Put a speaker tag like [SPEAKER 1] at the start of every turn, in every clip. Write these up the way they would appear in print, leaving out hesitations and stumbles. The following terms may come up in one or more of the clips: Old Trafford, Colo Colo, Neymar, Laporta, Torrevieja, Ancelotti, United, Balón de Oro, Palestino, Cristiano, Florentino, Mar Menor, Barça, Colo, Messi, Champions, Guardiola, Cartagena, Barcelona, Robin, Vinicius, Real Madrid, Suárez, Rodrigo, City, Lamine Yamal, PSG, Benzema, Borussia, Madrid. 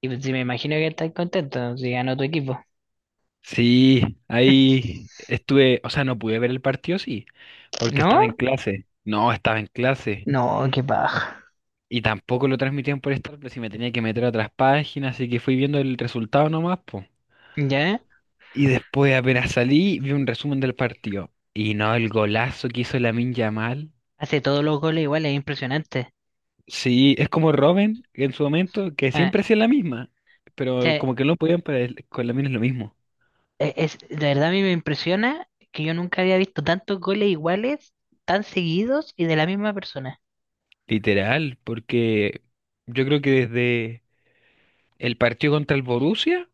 [SPEAKER 1] Y pues, sí, me imagino que estás contento si ganó tu equipo.
[SPEAKER 2] Sí, ahí estuve, o sea, no pude ver el partido, sí, porque estaba
[SPEAKER 1] ¿No?
[SPEAKER 2] en clase. No, estaba en clase.
[SPEAKER 1] No, qué paja.
[SPEAKER 2] Y tampoco lo transmitían por Star Plus y me tenía que meter a otras páginas, así que fui viendo el resultado nomás, po.
[SPEAKER 1] ¿Ya?
[SPEAKER 2] Y después apenas salí, vi un resumen del partido. Y no, el golazo que hizo Lamine Yamal.
[SPEAKER 1] Hace todos los goles igual, es impresionante.
[SPEAKER 2] Sí, es como Robin en su momento, que
[SPEAKER 1] Ah,
[SPEAKER 2] siempre hacía la misma,
[SPEAKER 1] o
[SPEAKER 2] pero
[SPEAKER 1] sea,
[SPEAKER 2] como que no podían para él, con Lamine es lo mismo.
[SPEAKER 1] es, de verdad a mí me impresiona que yo nunca había visto tantos goles iguales, tan seguidos y de la misma persona.
[SPEAKER 2] Literal, porque yo creo que desde el partido contra el Borussia.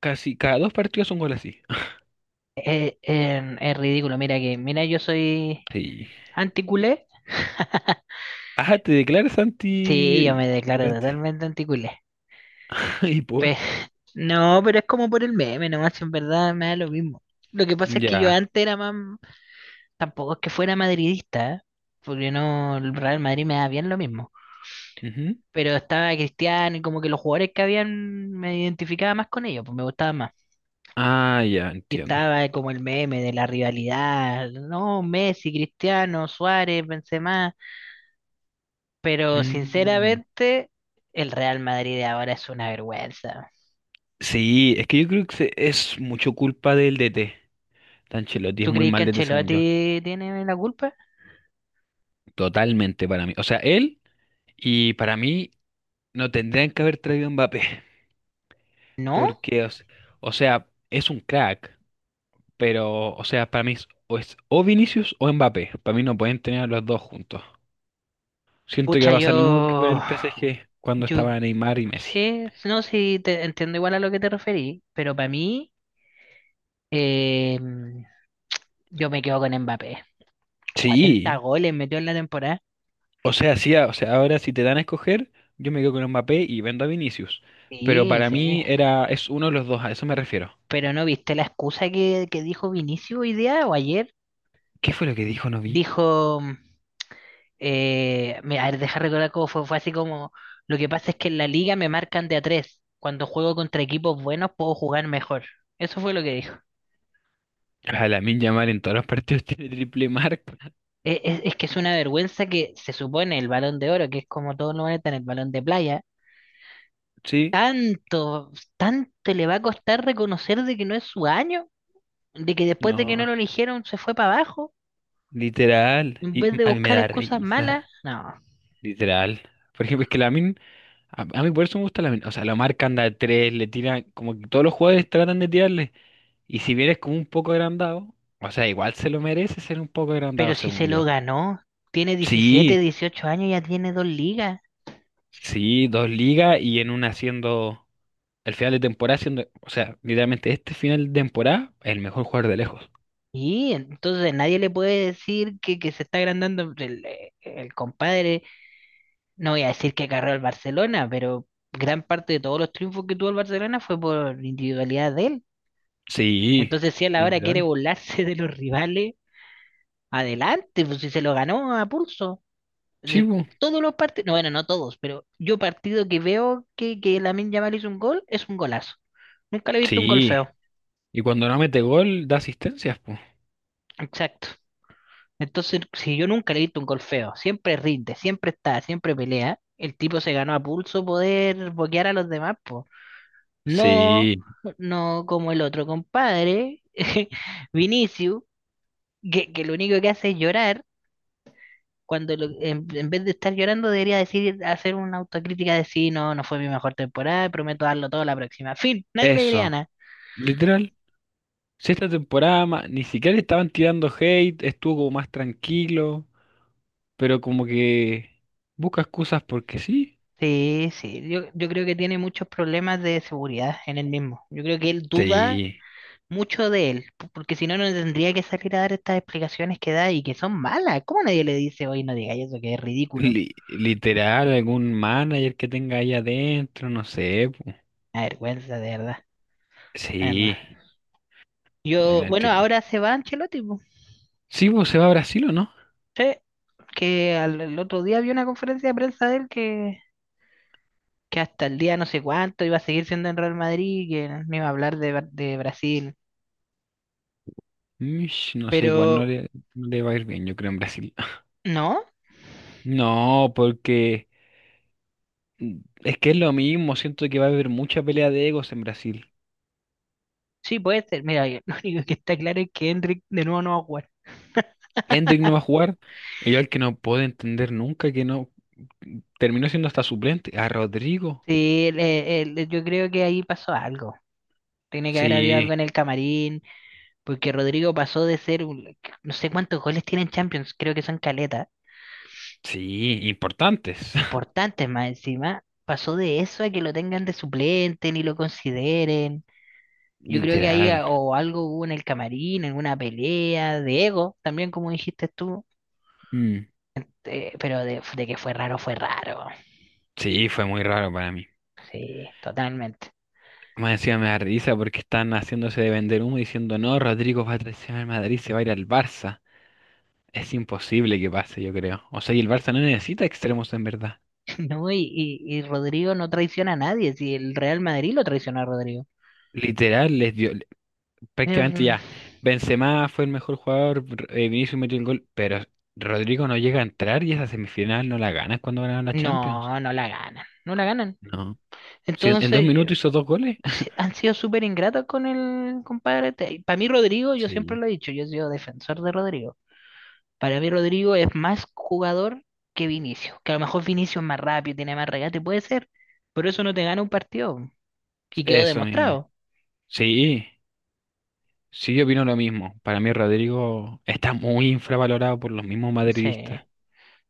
[SPEAKER 2] Casi cada dos partidos un gol así.
[SPEAKER 1] Es ridículo, mira, yo soy
[SPEAKER 2] Sí.
[SPEAKER 1] anticulé.
[SPEAKER 2] Ah, te declaras
[SPEAKER 1] Sí, yo
[SPEAKER 2] anti...
[SPEAKER 1] me declaro
[SPEAKER 2] delante.
[SPEAKER 1] totalmente anticulé.
[SPEAKER 2] Y por...
[SPEAKER 1] Pe- no, pero es como por el meme, nomás en verdad me da lo mismo. Lo que pasa es que yo
[SPEAKER 2] Ya.
[SPEAKER 1] antes era más. Tampoco es que fuera madridista, ¿eh? Porque no, el Real Madrid me da bien lo mismo.
[SPEAKER 2] Ujú.
[SPEAKER 1] Pero estaba Cristiano y como que los jugadores que habían me identificaba más con ellos, pues me gustaba más.
[SPEAKER 2] Ah, ya,
[SPEAKER 1] Y
[SPEAKER 2] entiendo.
[SPEAKER 1] estaba como el meme de la rivalidad, no, Messi, Cristiano, Suárez, Benzema. Pero
[SPEAKER 2] Mm.
[SPEAKER 1] sinceramente, el Real Madrid de ahora es una vergüenza.
[SPEAKER 2] Sí, es que yo creo que es mucho culpa del DT. Ancelotti es
[SPEAKER 1] ¿Tú
[SPEAKER 2] muy
[SPEAKER 1] crees que
[SPEAKER 2] mal DT según yo.
[SPEAKER 1] Ancelotti tiene la culpa?
[SPEAKER 2] Totalmente para mí. O sea, él y para mí no tendrían que haber traído a Mbappé.
[SPEAKER 1] ¿No?
[SPEAKER 2] Porque, o sea, es un crack. Pero, o sea, para mí es o Vinicius o Mbappé. Para mí no pueden tener a los dos juntos. Siento que
[SPEAKER 1] Pucha,
[SPEAKER 2] va a pasar lo mismo que con
[SPEAKER 1] yo,
[SPEAKER 2] el PSG cuando
[SPEAKER 1] yo
[SPEAKER 2] estaba Neymar y Messi.
[SPEAKER 1] Sí, no, sí, te entiendo igual a lo que te referí, pero para mí. Eh, yo me quedo con Mbappé. cuarenta
[SPEAKER 2] Sí,
[SPEAKER 1] goles metió en la temporada.
[SPEAKER 2] o sea, sí, o sea, ahora si te dan a escoger, yo me quedo con Mbappé y vendo a Vinicius. Pero
[SPEAKER 1] Sí,
[SPEAKER 2] para
[SPEAKER 1] sí.
[SPEAKER 2] mí era, es uno de los dos, a eso me refiero.
[SPEAKER 1] Pero ¿no viste la excusa que dijo Vinicius hoy día o ayer?
[SPEAKER 2] ¿Qué fue lo que dijo? No vi.
[SPEAKER 1] Dijo, a ver, deja recordar cómo fue, fue así como, lo que pasa es que en la liga me marcan de a tres. Cuando juego contra equipos buenos puedo jugar mejor. Eso fue lo que dijo.
[SPEAKER 2] A Lamine Yamal en todos los partidos tiene triple marca.
[SPEAKER 1] Es que es una vergüenza que se supone el Balón de Oro, que es como todos lo van a tener, el Balón de Playa.
[SPEAKER 2] Sí,
[SPEAKER 1] Tanto, tanto le va a costar reconocer de que no es su año, de que después de que
[SPEAKER 2] no,
[SPEAKER 1] no lo eligieron se fue para abajo,
[SPEAKER 2] literal.
[SPEAKER 1] en
[SPEAKER 2] Y
[SPEAKER 1] vez de
[SPEAKER 2] a mí me
[SPEAKER 1] buscar
[SPEAKER 2] da
[SPEAKER 1] excusas malas.
[SPEAKER 2] risa,
[SPEAKER 1] No,
[SPEAKER 2] literal. Por ejemplo, es que la A, a mí por eso me gusta o sea, la marca anda de tres, como que todos los jugadores tratan de tirarle. Y si vienes como un poco agrandado, o sea, igual se lo merece ser un poco agrandado,
[SPEAKER 1] pero si
[SPEAKER 2] según
[SPEAKER 1] se lo
[SPEAKER 2] yo.
[SPEAKER 1] ganó, tiene 17
[SPEAKER 2] Sí,
[SPEAKER 1] 18 años, ya tiene dos ligas.
[SPEAKER 2] sí, dos ligas y en una siendo el final de temporada siendo, o sea, literalmente este final de temporada, el mejor jugador de lejos.
[SPEAKER 1] Y entonces nadie le puede decir que se está agrandando el compadre. No voy a decir que agarró al Barcelona, pero gran parte de todos los triunfos que tuvo el Barcelona fue por individualidad de él.
[SPEAKER 2] Sí,
[SPEAKER 1] Entonces, si a la hora quiere
[SPEAKER 2] literal.
[SPEAKER 1] burlarse de los rivales, adelante, pues si se lo ganó a pulso.
[SPEAKER 2] Sí,
[SPEAKER 1] Si-
[SPEAKER 2] po.
[SPEAKER 1] Todos los partidos, no, bueno, no todos, pero yo partido que veo que Lamine Yamal hizo un gol, es un golazo. Nunca le he visto un gol
[SPEAKER 2] Sí.
[SPEAKER 1] feo.
[SPEAKER 2] Y cuando no mete gol, da asistencias, pues.
[SPEAKER 1] Exacto. Entonces, si yo nunca le he visto un gol feo, siempre rinde, siempre está, siempre pelea, el tipo se ganó a pulso poder boquear a los demás, po. No,
[SPEAKER 2] Sí,
[SPEAKER 1] no como el otro compadre, Vinicius, que lo único que hace es llorar cuando en, vez de estar llorando debería decir, hacer una autocrítica de sí, no, no fue mi mejor temporada, prometo darlo todo la próxima. Fin, nadie le diría
[SPEAKER 2] eso.
[SPEAKER 1] nada.
[SPEAKER 2] Literal. Si esta temporada ni siquiera le estaban tirando hate, estuvo como más tranquilo, pero como que busca excusas porque sí.
[SPEAKER 1] Sí, sí, yo creo que tiene muchos problemas de seguridad en él mismo. Yo creo que él duda
[SPEAKER 2] Sí.
[SPEAKER 1] mucho de él, porque si no, no tendría que salir a dar estas explicaciones que da y que son malas. ¿Cómo nadie le dice, oye, no digáis eso, que es ridículo?
[SPEAKER 2] Literal, algún manager que tenga ahí adentro, no sé, po.
[SPEAKER 1] Una vergüenza, de verdad, de verdad.
[SPEAKER 2] Sí, no, yo
[SPEAKER 1] Yo,
[SPEAKER 2] no
[SPEAKER 1] bueno,
[SPEAKER 2] entiendo.
[SPEAKER 1] ahora se va Ancelotti, po.
[SPEAKER 2] Sí, pues ¿se va a Brasil o no?
[SPEAKER 1] Sí, que el otro día vi una conferencia de prensa de él que hasta el día no sé cuánto iba a seguir siendo en Real Madrid, que no iba a hablar de Brasil.
[SPEAKER 2] Mish, no sé, igual no
[SPEAKER 1] Pero
[SPEAKER 2] le, no le va a ir bien, yo creo, en Brasil.
[SPEAKER 1] no,
[SPEAKER 2] No, porque mm, es que es lo mismo, siento que va a haber mucha pelea de egos en Brasil.
[SPEAKER 1] sí puede ser. Mira, lo único que está claro es que Hendrik de nuevo no va a jugar.
[SPEAKER 2] Hendrick no va a jugar. Y yo al que no puedo entender nunca que no terminó siendo hasta suplente. A Rodrigo.
[SPEAKER 1] Sí, yo creo que ahí pasó algo. Tiene que haber habido
[SPEAKER 2] Sí,
[SPEAKER 1] algo en el camarín, porque Rodrigo pasó de ser, no sé cuántos goles tiene en Champions, creo que son caletas,
[SPEAKER 2] sí, importantes.
[SPEAKER 1] importantes más encima. Pasó de eso a que lo tengan de suplente, ni lo consideren. Yo creo que ahí
[SPEAKER 2] Literal.
[SPEAKER 1] o algo hubo en el camarín, alguna pelea de ego, también como dijiste tú,
[SPEAKER 2] Mm.
[SPEAKER 1] pero de que fue raro, fue raro.
[SPEAKER 2] Sí, fue muy raro para mí.
[SPEAKER 1] Sí, totalmente.
[SPEAKER 2] Más encima me da risa porque están haciéndose de vender humo diciendo, no, Rodrigo va a traicionar al Madrid, se va a ir al Barça. Es imposible que pase, yo creo. O sea, y el Barça no necesita extremos en verdad.
[SPEAKER 1] No, y Rodrigo no traiciona a nadie, si el Real Madrid lo traicionó a Rodrigo.
[SPEAKER 2] Literal, les dio, prácticamente
[SPEAKER 1] Em,
[SPEAKER 2] ya. Benzema fue el mejor jugador, Vinicius metió el gol, pero Rodrigo no llega a entrar y esa semifinal no la ganan cuando ganaron la Champions.
[SPEAKER 1] No, no la ganan, no la ganan.
[SPEAKER 2] No, si en dos
[SPEAKER 1] Entonces,
[SPEAKER 2] minutos hizo dos goles.
[SPEAKER 1] han sido súper ingratos con el compadre. Para mí, Rodrigo, yo siempre lo
[SPEAKER 2] Sí.
[SPEAKER 1] he dicho, yo he sido defensor de Rodrigo. Para mí Rodrigo es más jugador que Vinicio, que a lo mejor Vinicio es más rápido, tiene más regate, puede ser, pero eso no te gana un partido y quedó
[SPEAKER 2] Eso mismo.
[SPEAKER 1] demostrado.
[SPEAKER 2] Sí, sí, yo opino lo mismo. Para mí Rodrigo está muy infravalorado por los mismos
[SPEAKER 1] Sí.
[SPEAKER 2] madridistas.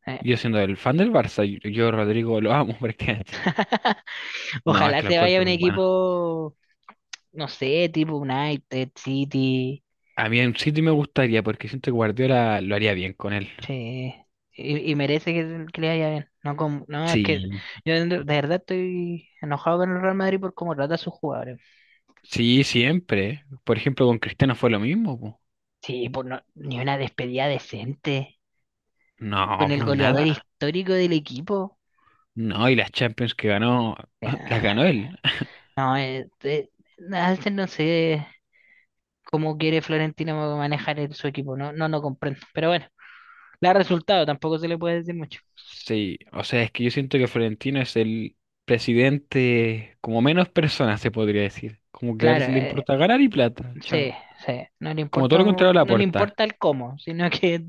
[SPEAKER 1] eh.
[SPEAKER 2] Yo siendo el fan del Barça, yo Rodrigo lo amo prácticamente. No, es
[SPEAKER 1] Ojalá
[SPEAKER 2] que lo
[SPEAKER 1] se vaya a
[SPEAKER 2] encuentro
[SPEAKER 1] un
[SPEAKER 2] muy bueno.
[SPEAKER 1] equipo, no sé, tipo United, City,
[SPEAKER 2] A mí en City me gustaría porque siento que Guardiola lo haría bien con él.
[SPEAKER 1] sí. Y merece que le vaya bien. No, no, es que
[SPEAKER 2] Sí,
[SPEAKER 1] yo de verdad estoy enojado con el Real Madrid por cómo trata a sus jugadores.
[SPEAKER 2] sí, siempre. Por ejemplo, con Cristiano fue lo mismo, po.
[SPEAKER 1] Sí, por ni una despedida decente
[SPEAKER 2] No,
[SPEAKER 1] con el
[SPEAKER 2] pues
[SPEAKER 1] goleador
[SPEAKER 2] nada.
[SPEAKER 1] histórico del equipo.
[SPEAKER 2] No, y las Champions que ganó, las
[SPEAKER 1] Ya.
[SPEAKER 2] ganó él.
[SPEAKER 1] No, Alten no sé cómo quiere Florentino manejar su equipo, no, no lo comprendo. Pero bueno, le ha resultado, tampoco se le puede decir mucho.
[SPEAKER 2] Sí, o sea, es que yo siento que Florentino es el presidente como menos personas, se podría decir. Como que a él
[SPEAKER 1] Claro,
[SPEAKER 2] le importa ganar y plata,
[SPEAKER 1] sí,
[SPEAKER 2] chao.
[SPEAKER 1] sí, no le
[SPEAKER 2] Como todo
[SPEAKER 1] importa,
[SPEAKER 2] lo contrario a
[SPEAKER 1] no le
[SPEAKER 2] Laporta.
[SPEAKER 1] importa el cómo, sino que,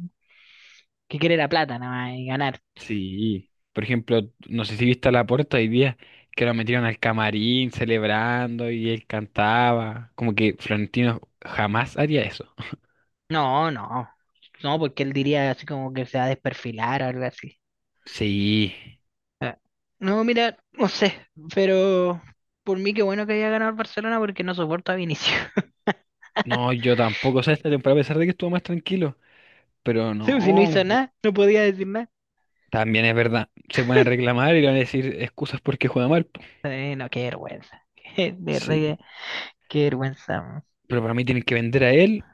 [SPEAKER 1] que quiere la plata nada más y ganar.
[SPEAKER 2] Sí. Por ejemplo, no sé si viste a Laporta hoy día, que lo metieron al camarín celebrando y él cantaba. Como que Florentino jamás haría eso.
[SPEAKER 1] No, no, no, porque él diría así como que se va a desperfilar o algo así.
[SPEAKER 2] Sí.
[SPEAKER 1] Ah, no, mira, no sé, pero por mí qué bueno que haya ganado el Barcelona porque no soporto a Vinicius.
[SPEAKER 2] No, yo tampoco, o sea, esta temporada, a pesar de que estuvo más tranquilo, pero no,
[SPEAKER 1] Sí, si no hizo nada, no podía decir nada.
[SPEAKER 2] también es verdad, se van a reclamar y le van a decir excusas porque juega mal, po.
[SPEAKER 1] No, qué vergüenza. De verdad que
[SPEAKER 2] Sí,
[SPEAKER 1] qué vergüenza. Man.
[SPEAKER 2] pero para mí tienen que vender a él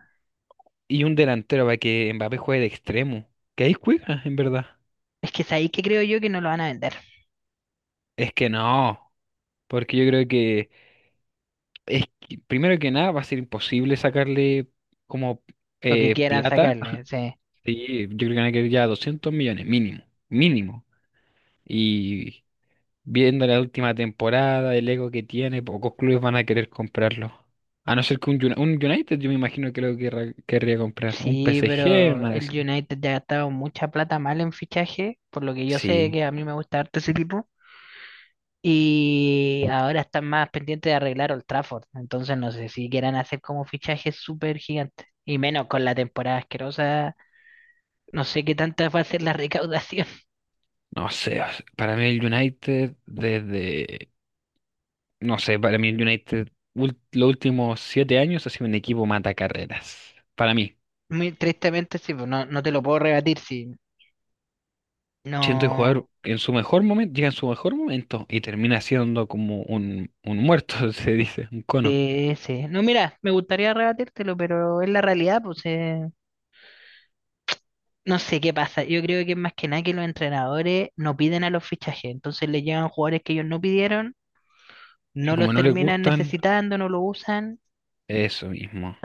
[SPEAKER 2] y un delantero para que Mbappé juegue de extremo, que ahí juega, en verdad.
[SPEAKER 1] Es que es ahí que creo yo que no lo van a vender.
[SPEAKER 2] Es que no, porque yo creo que, es que, primero que nada va a ser imposible sacarle como
[SPEAKER 1] Lo que quieran
[SPEAKER 2] plata,
[SPEAKER 1] sacarle. Sí,
[SPEAKER 2] sí, yo creo que van a querer ya 200 millones mínimo, mínimo. Y viendo la última temporada, el ego que tiene, pocos clubes van a querer comprarlo. A no ser que un, un United, yo me imagino que lo querría comprar. Un
[SPEAKER 1] sí,
[SPEAKER 2] PSG,
[SPEAKER 1] pero
[SPEAKER 2] una de
[SPEAKER 1] el
[SPEAKER 2] esas.
[SPEAKER 1] United ya ha gastado mucha plata mal en fichaje, por lo que yo sé que
[SPEAKER 2] Sí,
[SPEAKER 1] a mí me gusta harto ese tipo. Y ahora están más pendientes de arreglar Old Trafford. Entonces no sé si quieran hacer como fichajes súper gigantes. Y menos con la temporada asquerosa. No sé qué tanta va a ser la recaudación.
[SPEAKER 2] no sé, o sea, para mí el United, desde. No sé, para mí el United, los últimos 7 años ha sido un equipo mata carreras. Para mí.
[SPEAKER 1] Muy tristemente, sí, pues no, no te lo puedo rebatir, sí.
[SPEAKER 2] Siento el
[SPEAKER 1] No.
[SPEAKER 2] jugador en su mejor momento, llega en su mejor momento y termina siendo como un muerto, se dice, un cono.
[SPEAKER 1] Sí, sí. No, mira, me gustaría rebatírtelo, pero es la realidad, pues no sé qué pasa. Yo creo que es más que nada que los entrenadores no piden a los fichajes, entonces les llegan jugadores que ellos no pidieron,
[SPEAKER 2] Y
[SPEAKER 1] no los
[SPEAKER 2] como no le
[SPEAKER 1] terminan
[SPEAKER 2] gustan,
[SPEAKER 1] necesitando, no lo usan.
[SPEAKER 2] eso mismo.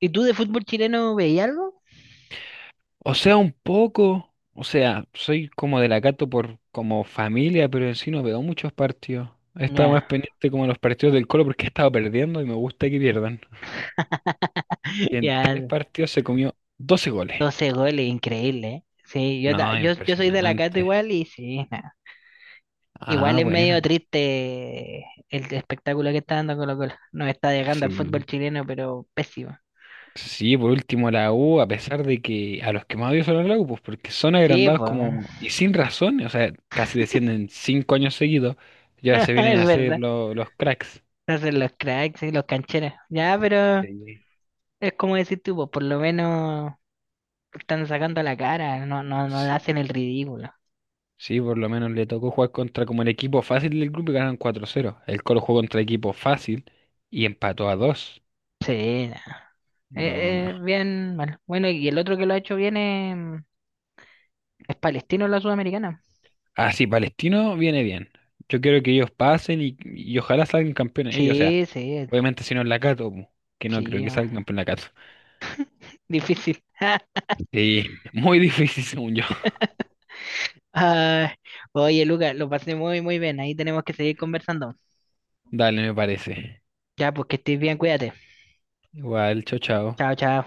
[SPEAKER 1] ¿Y tú de fútbol chileno veías algo?
[SPEAKER 2] O sea, un poco, o sea, soy como de la Cato por como familia, pero en sí no veo muchos partidos. He estado más
[SPEAKER 1] Ya,
[SPEAKER 2] pendiente como de los partidos del Colo porque he estado perdiendo y me gusta que pierdan. Y
[SPEAKER 1] ya,
[SPEAKER 2] en 3 partidos se comió 12 goles.
[SPEAKER 1] 12 goles, increíble, ¿eh? Sí, yo, ta-
[SPEAKER 2] No,
[SPEAKER 1] yo, yo soy de la Cato
[SPEAKER 2] impresionante.
[SPEAKER 1] igual y sí, nada. Igual
[SPEAKER 2] Ah,
[SPEAKER 1] es
[SPEAKER 2] bueno.
[SPEAKER 1] medio triste el espectáculo que está dando Colo Colo. Nos está dejando al
[SPEAKER 2] Sí.
[SPEAKER 1] fútbol chileno, pero pésimo.
[SPEAKER 2] Sí, por último la U, a pesar de que a los que más odio son a la U, pues porque son
[SPEAKER 1] Sí,
[SPEAKER 2] agrandados
[SPEAKER 1] pues.
[SPEAKER 2] como y sin razón, o sea, casi descienden 5 años seguidos, ya se vienen a
[SPEAKER 1] Es
[SPEAKER 2] hacer
[SPEAKER 1] verdad.
[SPEAKER 2] los cracks.
[SPEAKER 1] No hacen los cracks y los cancheros. Ya, pero
[SPEAKER 2] Sí.
[SPEAKER 1] es como decir tú, po, por lo menos están sacando la cara, no, no, no
[SPEAKER 2] Sí,
[SPEAKER 1] hacen el ridículo.
[SPEAKER 2] sí, por lo menos le tocó jugar contra como el equipo fácil del grupo y ganaron 4-0. El Colo jugó contra equipo fácil y empató a dos.
[SPEAKER 1] Sí, na.
[SPEAKER 2] No, no.
[SPEAKER 1] Bien, bueno. Bueno, y el otro que lo ha hecho bien es Palestino, la Sudamericana.
[SPEAKER 2] Ah, sí, Palestino viene bien. Yo quiero que ellos pasen y ojalá salgan campeones ellos. O sea,
[SPEAKER 1] Sí, sí,
[SPEAKER 2] obviamente si no es la Cato, pu, que no creo
[SPEAKER 1] sí,
[SPEAKER 2] que
[SPEAKER 1] oh,
[SPEAKER 2] salgan campeón la Cato.
[SPEAKER 1] difícil.
[SPEAKER 2] Sí, muy difícil según yo.
[SPEAKER 1] Ah, oye, Lucas, lo pasé muy, muy bien. Ahí tenemos que seguir conversando.
[SPEAKER 2] Dale, me parece.
[SPEAKER 1] Ya, pues que estés bien, cuídate.
[SPEAKER 2] Igual, chao, chao.
[SPEAKER 1] Chao, chao.